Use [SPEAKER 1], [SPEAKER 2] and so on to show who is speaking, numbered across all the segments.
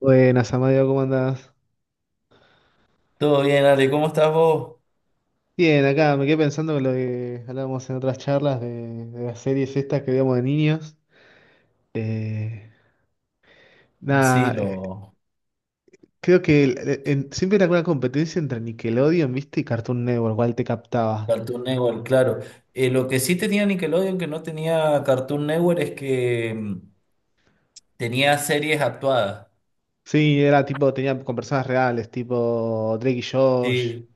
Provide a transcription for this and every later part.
[SPEAKER 1] Buenas, Amadeo, ¿cómo andás?
[SPEAKER 2] Todo bien, Ale, ¿cómo estás vos?
[SPEAKER 1] Bien, acá me quedé pensando en lo que hablábamos en otras charlas de las series estas que veíamos de niños. Eh,
[SPEAKER 2] Sí,
[SPEAKER 1] nada,
[SPEAKER 2] lo
[SPEAKER 1] creo que siempre era una competencia entre Nickelodeon, ¿viste? Y Cartoon Network, cuál te captaba.
[SPEAKER 2] Cartoon Network, claro. Lo que sí tenía Nickelodeon que no tenía Cartoon Network es que tenía series actuadas.
[SPEAKER 1] Sí, era tipo, tenía con personas reales, tipo Drake y Josh.
[SPEAKER 2] Sí,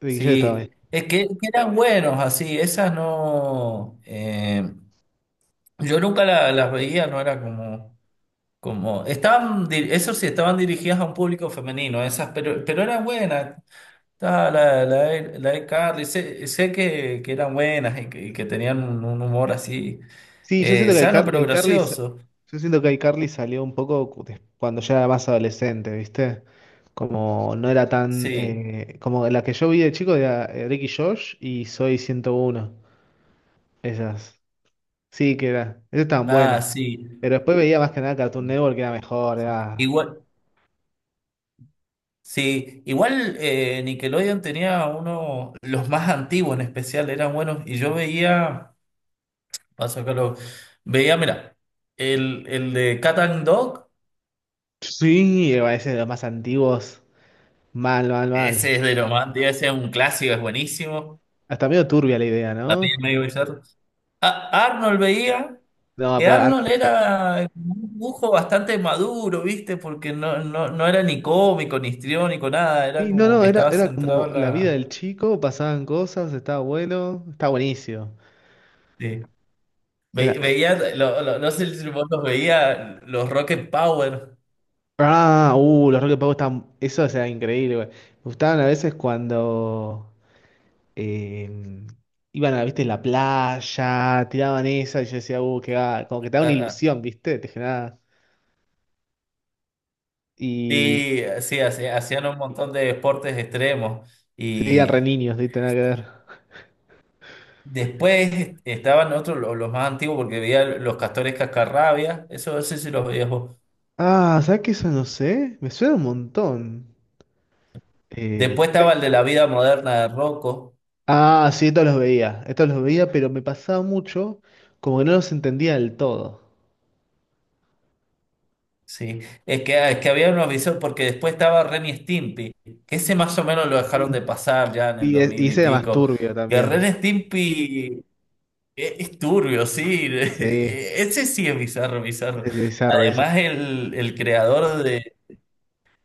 [SPEAKER 1] Drake y Josh estaba.
[SPEAKER 2] sí. Es que eran buenos así, esas no. Yo nunca las veía, no era como. Como estaban, di- eso sí, estaban dirigidas a un público femenino, esas, pero eran buenas. Ah, la de Carly, sé, sé que eran buenas y que tenían un humor así
[SPEAKER 1] Sí, yo siento que
[SPEAKER 2] sano pero gracioso.
[SPEAKER 1] yo siento que iCarly salió un poco cuando ya era más adolescente, ¿viste? Como no era tan
[SPEAKER 2] Sí,
[SPEAKER 1] como la que yo vi de chico era Drake y Josh y Soy 101, esas. Sí, que era. Esas estaban
[SPEAKER 2] ah,
[SPEAKER 1] buenas.
[SPEAKER 2] sí.
[SPEAKER 1] Pero después veía más que nada Cartoon Network, que era mejor. Era...
[SPEAKER 2] Igual, sí, igual Nickelodeon tenía uno, los más antiguos en especial, eran buenos. Y yo veía, paso acá lo, veía, mira, el de Cat and Dog,
[SPEAKER 1] sí, a veces los más antiguos. Mal, mal, mal.
[SPEAKER 2] ese es de lo más antiguo, ese es un clásico, es buenísimo.
[SPEAKER 1] Hasta medio turbia la idea,
[SPEAKER 2] También
[SPEAKER 1] ¿no?
[SPEAKER 2] medio bizarro. A- Arnold veía.
[SPEAKER 1] No,
[SPEAKER 2] Que
[SPEAKER 1] pues,
[SPEAKER 2] Arnold era un dibujo bastante maduro, ¿viste? Porque no era ni cómico, ni histriónico, nada. Era
[SPEAKER 1] sí, no,
[SPEAKER 2] como
[SPEAKER 1] no,
[SPEAKER 2] que
[SPEAKER 1] era,
[SPEAKER 2] estaba
[SPEAKER 1] era
[SPEAKER 2] centrado
[SPEAKER 1] como
[SPEAKER 2] en
[SPEAKER 1] la vida
[SPEAKER 2] la...
[SPEAKER 1] del chico, pasaban cosas, estaba bueno, estaba buenísimo.
[SPEAKER 2] Sí.
[SPEAKER 1] Era-
[SPEAKER 2] Ve- veía, no sé si vos los veía, los Rocket Power.
[SPEAKER 1] ah, los Rocket Power estaban. Eso era increíble, güey. Me gustaban a veces cuando eh, iban a, viste, la playa, tiraban esa, y yo decía, que va, como que te da
[SPEAKER 2] Ah,
[SPEAKER 1] una
[SPEAKER 2] ah,
[SPEAKER 1] ilusión, ¿viste? Te generaba. Y
[SPEAKER 2] sí, sí, hacía- hacían un montón de deportes extremos.
[SPEAKER 1] seguían
[SPEAKER 2] Y
[SPEAKER 1] re niños, ¿viste? Nada que ver.
[SPEAKER 2] después estaban otros, lo- los más antiguos, porque veía los Castores Cascarrabias. Eso no sé si los veías vos.
[SPEAKER 1] Ah, ¿sabes qué? Eso no sé. Me suena un montón. Eh,
[SPEAKER 2] Después estaba el de la vida moderna de Rocco.
[SPEAKER 1] ah, sí, estos los veía. Estos los veía, pero me pasaba mucho como que no los entendía del todo.
[SPEAKER 2] Sí, es que había un aviso porque después estaba Ren y Stimpy, que ese más o menos lo dejaron
[SPEAKER 1] Mm.
[SPEAKER 2] de pasar ya en el
[SPEAKER 1] Y,
[SPEAKER 2] dos
[SPEAKER 1] y
[SPEAKER 2] mil y
[SPEAKER 1] ese era más
[SPEAKER 2] pico.
[SPEAKER 1] turbio
[SPEAKER 2] Que
[SPEAKER 1] también.
[SPEAKER 2] Ren y Stimpy es turbio, sí,
[SPEAKER 1] Sí.
[SPEAKER 2] ese sí es bizarro, bizarro.
[SPEAKER 1] Es bizarro, es bizarro.
[SPEAKER 2] Además el creador de...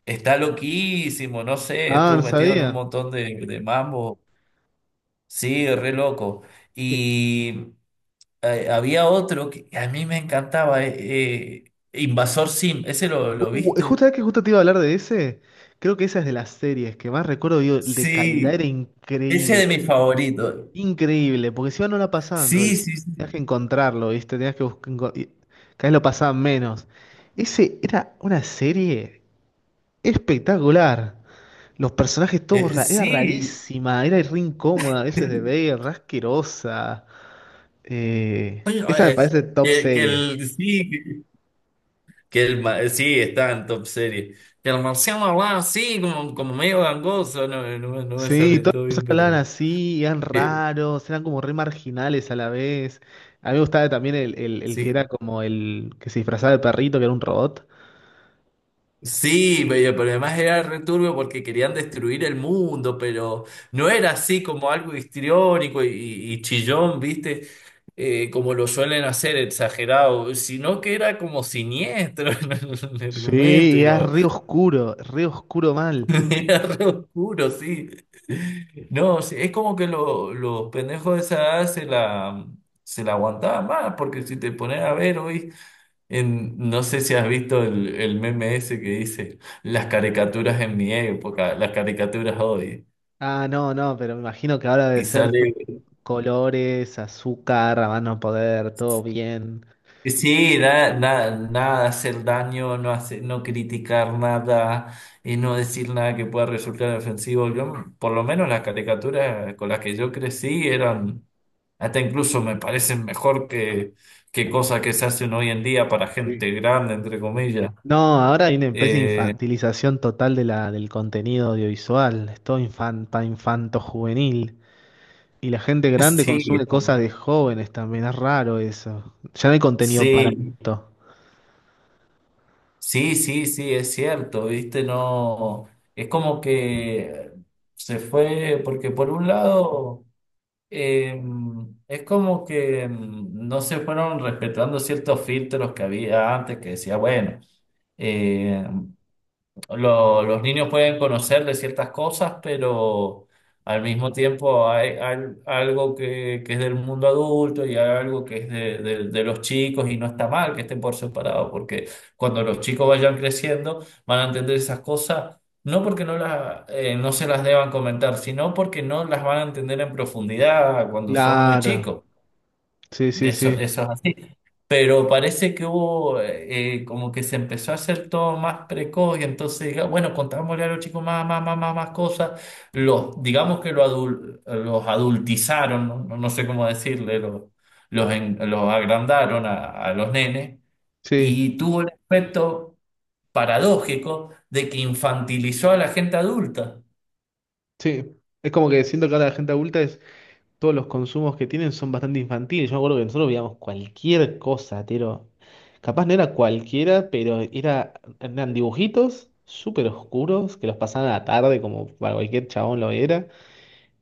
[SPEAKER 2] Está loquísimo, no sé,
[SPEAKER 1] Ah,
[SPEAKER 2] estuvo
[SPEAKER 1] no
[SPEAKER 2] metido en un
[SPEAKER 1] sabía.
[SPEAKER 2] montón de mambo. Sí, re loco.
[SPEAKER 1] Eh,
[SPEAKER 2] Y había otro que a mí me encantaba, Invasor Sim, ¿ese lo viste?
[SPEAKER 1] justo que justo te iba a hablar de ese, creo que esa es de las series que más recuerdo, digo, de calidad era
[SPEAKER 2] Sí, ese
[SPEAKER 1] increíble,
[SPEAKER 2] de mis favoritos.
[SPEAKER 1] increíble, porque si no, no la pasaban todo el
[SPEAKER 2] Sí,
[SPEAKER 1] tiempo,
[SPEAKER 2] sí,
[SPEAKER 1] tenías que
[SPEAKER 2] sí.
[SPEAKER 1] encontrarlo, ¿viste? Tenías que buscar, y cada vez lo pasaban menos. Ese era una serie espectacular. Los personajes todos, era
[SPEAKER 2] Sí.
[SPEAKER 1] rarísima, era re incómoda a veces de ver, re asquerosa.
[SPEAKER 2] Oye,
[SPEAKER 1] Esa me
[SPEAKER 2] eh,
[SPEAKER 1] parece top series.
[SPEAKER 2] sí, sí, está en top serie. Que el marciano hablaba así, como, como medio gangoso. No, no, me no me
[SPEAKER 1] Sí, y
[SPEAKER 2] sale
[SPEAKER 1] todas
[SPEAKER 2] todo
[SPEAKER 1] las cosas
[SPEAKER 2] bien,
[SPEAKER 1] que hablaban
[SPEAKER 2] pero.
[SPEAKER 1] así, eran
[SPEAKER 2] Eh,
[SPEAKER 1] raros, eran como re marginales a la vez. A mí me gustaba también el que
[SPEAKER 2] sí.
[SPEAKER 1] era como el que se disfrazaba de perrito, que era un robot.
[SPEAKER 2] Sí, pero además era returbio porque querían destruir el mundo, pero no era así como algo histriónico y chillón, ¿viste? Como lo suelen hacer, exagerado, sino que era como siniestro en el
[SPEAKER 1] Sí,
[SPEAKER 2] argumento
[SPEAKER 1] y
[SPEAKER 2] y
[SPEAKER 1] era
[SPEAKER 2] lo
[SPEAKER 1] re oscuro mal.
[SPEAKER 2] era re oscuro, sí. No, sí, es como que los pendejos de esa edad se la aguantaban más, porque si te pones a ver hoy. En- no sé si has visto el meme ese que dice las caricaturas en mi época, las caricaturas hoy.
[SPEAKER 1] Ah, no, no, pero me imagino que ahora debe
[SPEAKER 2] Y
[SPEAKER 1] ser
[SPEAKER 2] sale,
[SPEAKER 1] colores, azúcar, a más no poder, todo bien.
[SPEAKER 2] sí, da- da- nada, hacer daño, no hacer, no criticar nada y no decir nada que pueda resultar ofensivo. Yo, por lo menos las caricaturas con las que yo crecí eran, hasta incluso me parecen mejor que cosas que se hacen hoy en día para
[SPEAKER 1] Sí.
[SPEAKER 2] gente grande, entre comillas.
[SPEAKER 1] No, ahora hay una especie de
[SPEAKER 2] Eh,
[SPEAKER 1] infantilización total de del contenido audiovisual. Es todo infan, para infanto juvenil. Y la gente grande
[SPEAKER 2] sí,
[SPEAKER 1] consume cosas de jóvenes también, es raro eso. Ya no hay contenido para
[SPEAKER 2] sí.
[SPEAKER 1] esto.
[SPEAKER 2] Sí, es cierto, viste, no, es como que se fue, porque por un lado, eh, es como que no se fueron respetando ciertos filtros que había antes, que decía, bueno, eh, los niños pueden conocer de ciertas cosas, pero al mismo tiempo hay, al- algo que es del mundo adulto y hay algo que es de los chicos y no está mal que estén por separado, porque cuando los chicos vayan creciendo van a entender esas cosas, no porque no, las, no se las deban comentar, sino porque no las van a entender en profundidad cuando son muy
[SPEAKER 1] Claro,
[SPEAKER 2] chicos.
[SPEAKER 1] sí,
[SPEAKER 2] De
[SPEAKER 1] sí,
[SPEAKER 2] eso,
[SPEAKER 1] sí,
[SPEAKER 2] eso es así. Pero parece que hubo, como que se empezó a hacer todo más precoz y entonces, diga- bueno, contámosle a los chicos más cosas. Los, digamos que lo adul- los adultizaron, no, No- no sé cómo decirle, los, en- los agrandaron a los nenes
[SPEAKER 1] sí,
[SPEAKER 2] y tuvo el efecto paradójico de que infantilizó a la gente adulta.
[SPEAKER 1] sí. Es como que siento que ahora la gente adulta es, todos los consumos que tienen son bastante infantiles. Yo me acuerdo que nosotros veíamos cualquier cosa, tiro. Capaz no era cualquiera, pero era, eran dibujitos súper oscuros que los pasaban a la tarde como para cualquier chabón lo era.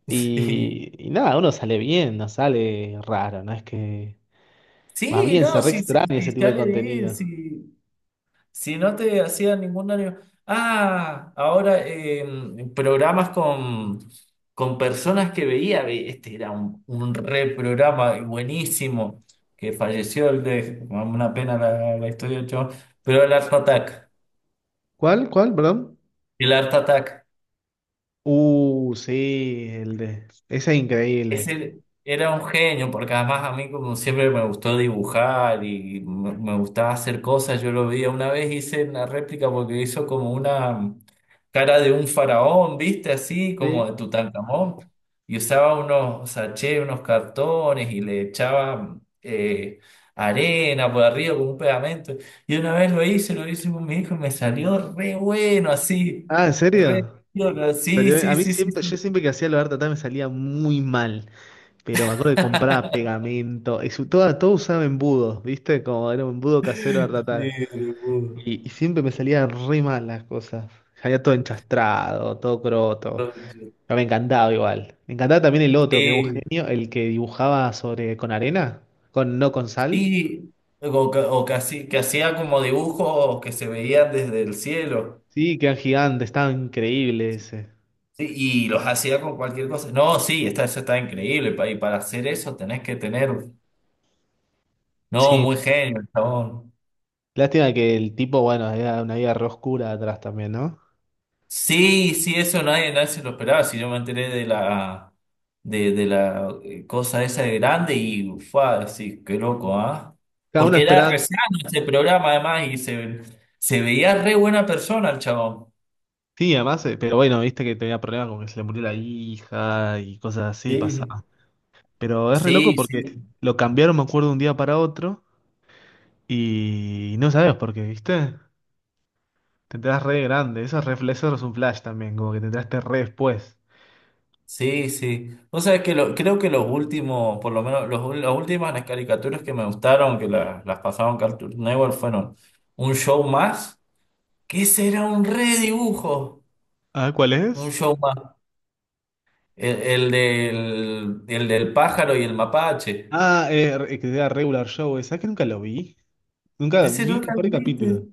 [SPEAKER 1] Y nada, uno sale bien, no sale raro, no es que... más
[SPEAKER 2] Sí,
[SPEAKER 1] bien se
[SPEAKER 2] no,
[SPEAKER 1] re extraña ese
[SPEAKER 2] sí,
[SPEAKER 1] tipo
[SPEAKER 2] ya
[SPEAKER 1] de
[SPEAKER 2] leí,
[SPEAKER 1] contenido.
[SPEAKER 2] sí. Si no te hacía ningún daño. Ah, ahora programas con personas que veía. Ve- este era un re programa buenísimo. Que falleció el de. Una pena la, la historia del chabón. Pero el Art Attack.
[SPEAKER 1] ¿Cuál? ¿Cuál? Perdón.
[SPEAKER 2] El Art Attack.
[SPEAKER 1] Sí, el de. Ese es increíble.
[SPEAKER 2] Ese era un genio, porque además a mí como siempre me gustó dibujar y me gustaba hacer cosas, yo lo veía una vez, hice una réplica porque hizo como una cara de un faraón, ¿viste? Así como
[SPEAKER 1] Sí.
[SPEAKER 2] de Tutankamón, y usaba unos sachets, unos cartones y le echaba arena por arriba con un pegamento. Y una vez lo hice con mi hijo y me salió re bueno, así,
[SPEAKER 1] Ah, ¿en
[SPEAKER 2] re...
[SPEAKER 1] serio?
[SPEAKER 2] bueno, sí,
[SPEAKER 1] Salió... a
[SPEAKER 2] sí,
[SPEAKER 1] mí
[SPEAKER 2] sí, sí.
[SPEAKER 1] siempre,
[SPEAKER 2] Sí.
[SPEAKER 1] yo siempre que hacía lo de arte me salía muy mal. Pero me acuerdo que compraba pegamento. Y toda, todo usaba embudos, ¿viste? Como era un embudo casero de
[SPEAKER 2] Sí,
[SPEAKER 1] arte.
[SPEAKER 2] no puedo.
[SPEAKER 1] Y siempre me salía re mal las cosas. Salía todo enchastrado, todo croto. Pero me encantaba igual. Me encantaba también el otro, que era un
[SPEAKER 2] Sí,
[SPEAKER 1] genio, el que dibujaba sobre con arena, con no con sal.
[SPEAKER 2] sí, o, ca- o casi, que hacía como dibujos que se veían desde el cielo,
[SPEAKER 1] Sí, que eran gigantes, estaba increíble ese.
[SPEAKER 2] sí, y los hacía con cualquier cosa. No, sí, está, eso está increíble, pa- y para hacer eso tenés que tener, no,
[SPEAKER 1] Sí,
[SPEAKER 2] muy genio, el chabón.
[SPEAKER 1] lástima que el tipo, bueno, era una vida re oscura atrás también, ¿no?
[SPEAKER 2] Sí, sí, eso nadie, nadie se lo esperaba, si yo me enteré de la, de la cosa esa de grande y, ufa, sí, qué loco, ¿ah?
[SPEAKER 1] Cada uno
[SPEAKER 2] Porque era
[SPEAKER 1] esperaba.
[SPEAKER 2] re sano ese programa además y se veía re buena persona el chabón.
[SPEAKER 1] Sí, además, pero bueno, viste que tenía problemas con que se le murió la hija y cosas así
[SPEAKER 2] Sí.
[SPEAKER 1] pasaba. Pero es re loco
[SPEAKER 2] Sí, sí,
[SPEAKER 1] porque lo cambiaron, me acuerdo, de un día para otro y no sabes por qué, ¿viste? Te enterás re grande, eso es, eso es un flash también, como que te enteraste re después.
[SPEAKER 2] sí. Vos sabés que lo- creo que los últimos, por lo menos los, ul- las últimas las caricaturas que me gustaron, que las pasaron Cartoon Network, fueron un show más, que ese era un redibujo,
[SPEAKER 1] Ah, ¿cuál
[SPEAKER 2] un
[SPEAKER 1] es?
[SPEAKER 2] show más. El del, el del pájaro y el mapache.
[SPEAKER 1] Ah, que era Regular Show, ¿sabes que nunca lo vi? Nunca
[SPEAKER 2] Ese
[SPEAKER 1] vi un
[SPEAKER 2] nunca lo
[SPEAKER 1] par de
[SPEAKER 2] viste.
[SPEAKER 1] capítulos.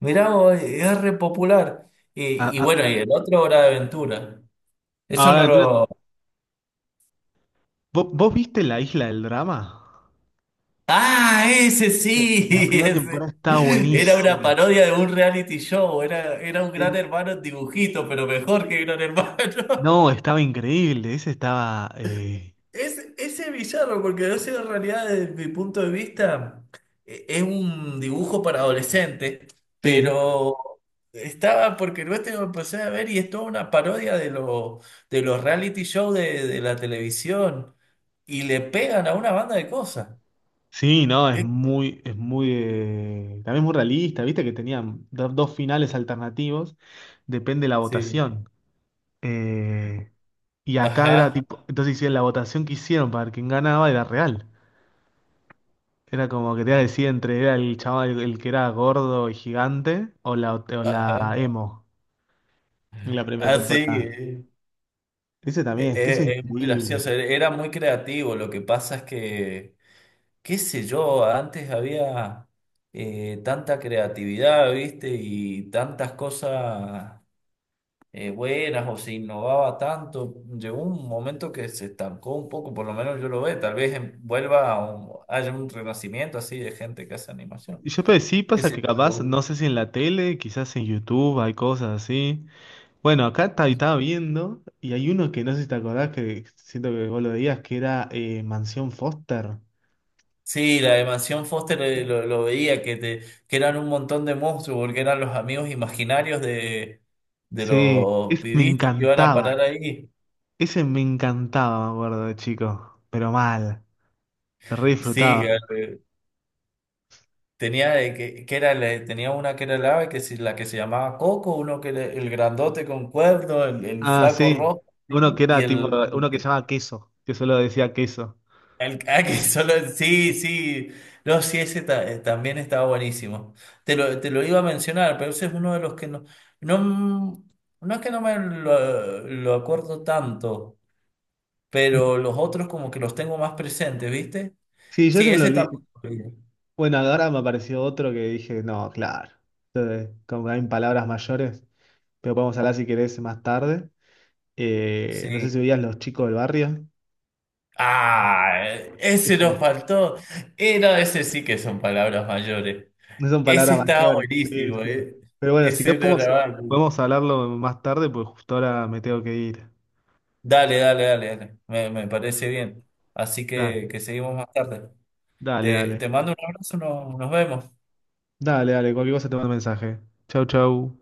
[SPEAKER 2] Mirá, vos, es re popular.
[SPEAKER 1] Ah,
[SPEAKER 2] Y bueno,
[SPEAKER 1] ah,
[SPEAKER 2] y el otro Hora de Aventura. Eso
[SPEAKER 1] ahora,
[SPEAKER 2] no
[SPEAKER 1] entonces,
[SPEAKER 2] lo,
[SPEAKER 1] ¿vos viste La Isla del Drama?
[SPEAKER 2] ah, ese
[SPEAKER 1] Viste,
[SPEAKER 2] sí,
[SPEAKER 1] la primera temporada
[SPEAKER 2] ese.
[SPEAKER 1] estaba
[SPEAKER 2] Era una
[SPEAKER 1] buenísima.
[SPEAKER 2] parodia de un reality show, era, era un gran
[SPEAKER 1] Sí,
[SPEAKER 2] hermano en dibujito, pero mejor que gran hermano.
[SPEAKER 1] no, estaba increíble. Ese estaba.
[SPEAKER 2] Ese villano, porque no sé, en realidad desde mi punto de vista e- es un dibujo para adolescentes,
[SPEAKER 1] Sí,
[SPEAKER 2] pero estaba porque no este lo empecé a ver y es toda una parodia de, lo, de los reality shows de la televisión y le pegan a una banda de cosas.
[SPEAKER 1] sí, no,
[SPEAKER 2] Es-
[SPEAKER 1] es muy, también muy realista, viste que tenían dos finales alternativos, depende de la
[SPEAKER 2] sí,
[SPEAKER 1] votación. Eh, y acá era
[SPEAKER 2] ajá,
[SPEAKER 1] tipo, entonces hicieron la votación que hicieron para quien ganaba era real. Era como que te decía entre era el chaval el que era gordo y gigante o la
[SPEAKER 2] ajá.
[SPEAKER 1] emo en la primera
[SPEAKER 2] Ah, sí,
[SPEAKER 1] temporada. Ese también, este es
[SPEAKER 2] es muy
[SPEAKER 1] increíble.
[SPEAKER 2] gracioso, era era muy creativo, lo que pasa es que, qué sé yo, antes había tanta creatividad, ¿viste? Y tantas cosas buenas o se innovaba tanto, llegó un momento que se estancó un poco, por lo menos yo lo veo, tal vez em- vuelva a un- haya un renacimiento así de gente que hace animación,
[SPEAKER 1] Y yo pero sí
[SPEAKER 2] qué
[SPEAKER 1] pasa
[SPEAKER 2] sé
[SPEAKER 1] que
[SPEAKER 2] yo.
[SPEAKER 1] capaz,
[SPEAKER 2] Lo-
[SPEAKER 1] no sé si en la tele, quizás en YouTube hay cosas así. Bueno, acá estaba viendo y hay uno que no sé si te acordás que siento que vos lo veías, que era Mansión Foster.
[SPEAKER 2] sí, la de Mansión Foster lo veía, que, te, que eran un montón de monstruos, porque eran los amigos imaginarios de
[SPEAKER 1] Sí,
[SPEAKER 2] los
[SPEAKER 1] ese me
[SPEAKER 2] pibitos que iban a
[SPEAKER 1] encantaba.
[SPEAKER 2] parar ahí.
[SPEAKER 1] Ese me encantaba, me acuerdo de chico, pero mal, lo re
[SPEAKER 2] Sí,
[SPEAKER 1] disfrutaba.
[SPEAKER 2] tenía, que era, la- tenía una que era el ave, que si- la que se llamaba Coco, uno que era el grandote con cuerno, el
[SPEAKER 1] Ah,
[SPEAKER 2] flaco
[SPEAKER 1] sí.
[SPEAKER 2] rojo, ¿sí?
[SPEAKER 1] Uno que
[SPEAKER 2] Y
[SPEAKER 1] era tipo,
[SPEAKER 2] el,
[SPEAKER 1] uno que se llamaba Queso, que solo decía queso.
[SPEAKER 2] El, ah, que solo, sí, sí. No, sí, ese ta- también estaba buenísimo. Te lo iba a mencionar, pero ese es uno de los que no. No, no es que no me lo acuerdo tanto,
[SPEAKER 1] Mm.
[SPEAKER 2] pero los otros como que los tengo más presentes, ¿viste?
[SPEAKER 1] Sí, yo
[SPEAKER 2] Sí,
[SPEAKER 1] se me lo
[SPEAKER 2] ese
[SPEAKER 1] olvidé.
[SPEAKER 2] también. Lo vi,
[SPEAKER 1] Bueno, ahora me apareció otro que dije, no, claro. Entonces, como hay palabras mayores, pero podemos hablar si querés más tarde. No sé si
[SPEAKER 2] sí.
[SPEAKER 1] veías Los Chicos del Barrio.
[SPEAKER 2] Ah, ese nos
[SPEAKER 1] Este,
[SPEAKER 2] faltó. No, ese sí que son palabras mayores.
[SPEAKER 1] no son
[SPEAKER 2] Ese
[SPEAKER 1] palabras
[SPEAKER 2] estaba
[SPEAKER 1] mayores. Sí,
[SPEAKER 2] buenísimo,
[SPEAKER 1] sí.
[SPEAKER 2] ¿eh?
[SPEAKER 1] Pero bueno, si
[SPEAKER 2] Ese
[SPEAKER 1] querés
[SPEAKER 2] no
[SPEAKER 1] podemos,
[SPEAKER 2] era malo.
[SPEAKER 1] podemos hablarlo más tarde, porque justo ahora me tengo que ir.
[SPEAKER 2] Dale, dale, dale, dale. Me parece bien. Así
[SPEAKER 1] Dale,
[SPEAKER 2] que seguimos más tarde.
[SPEAKER 1] dale,
[SPEAKER 2] Te,
[SPEAKER 1] dale.
[SPEAKER 2] te mando un abrazo, no- nos vemos.
[SPEAKER 1] Dale, dale, cualquier cosa te mando un mensaje. Chau, chau.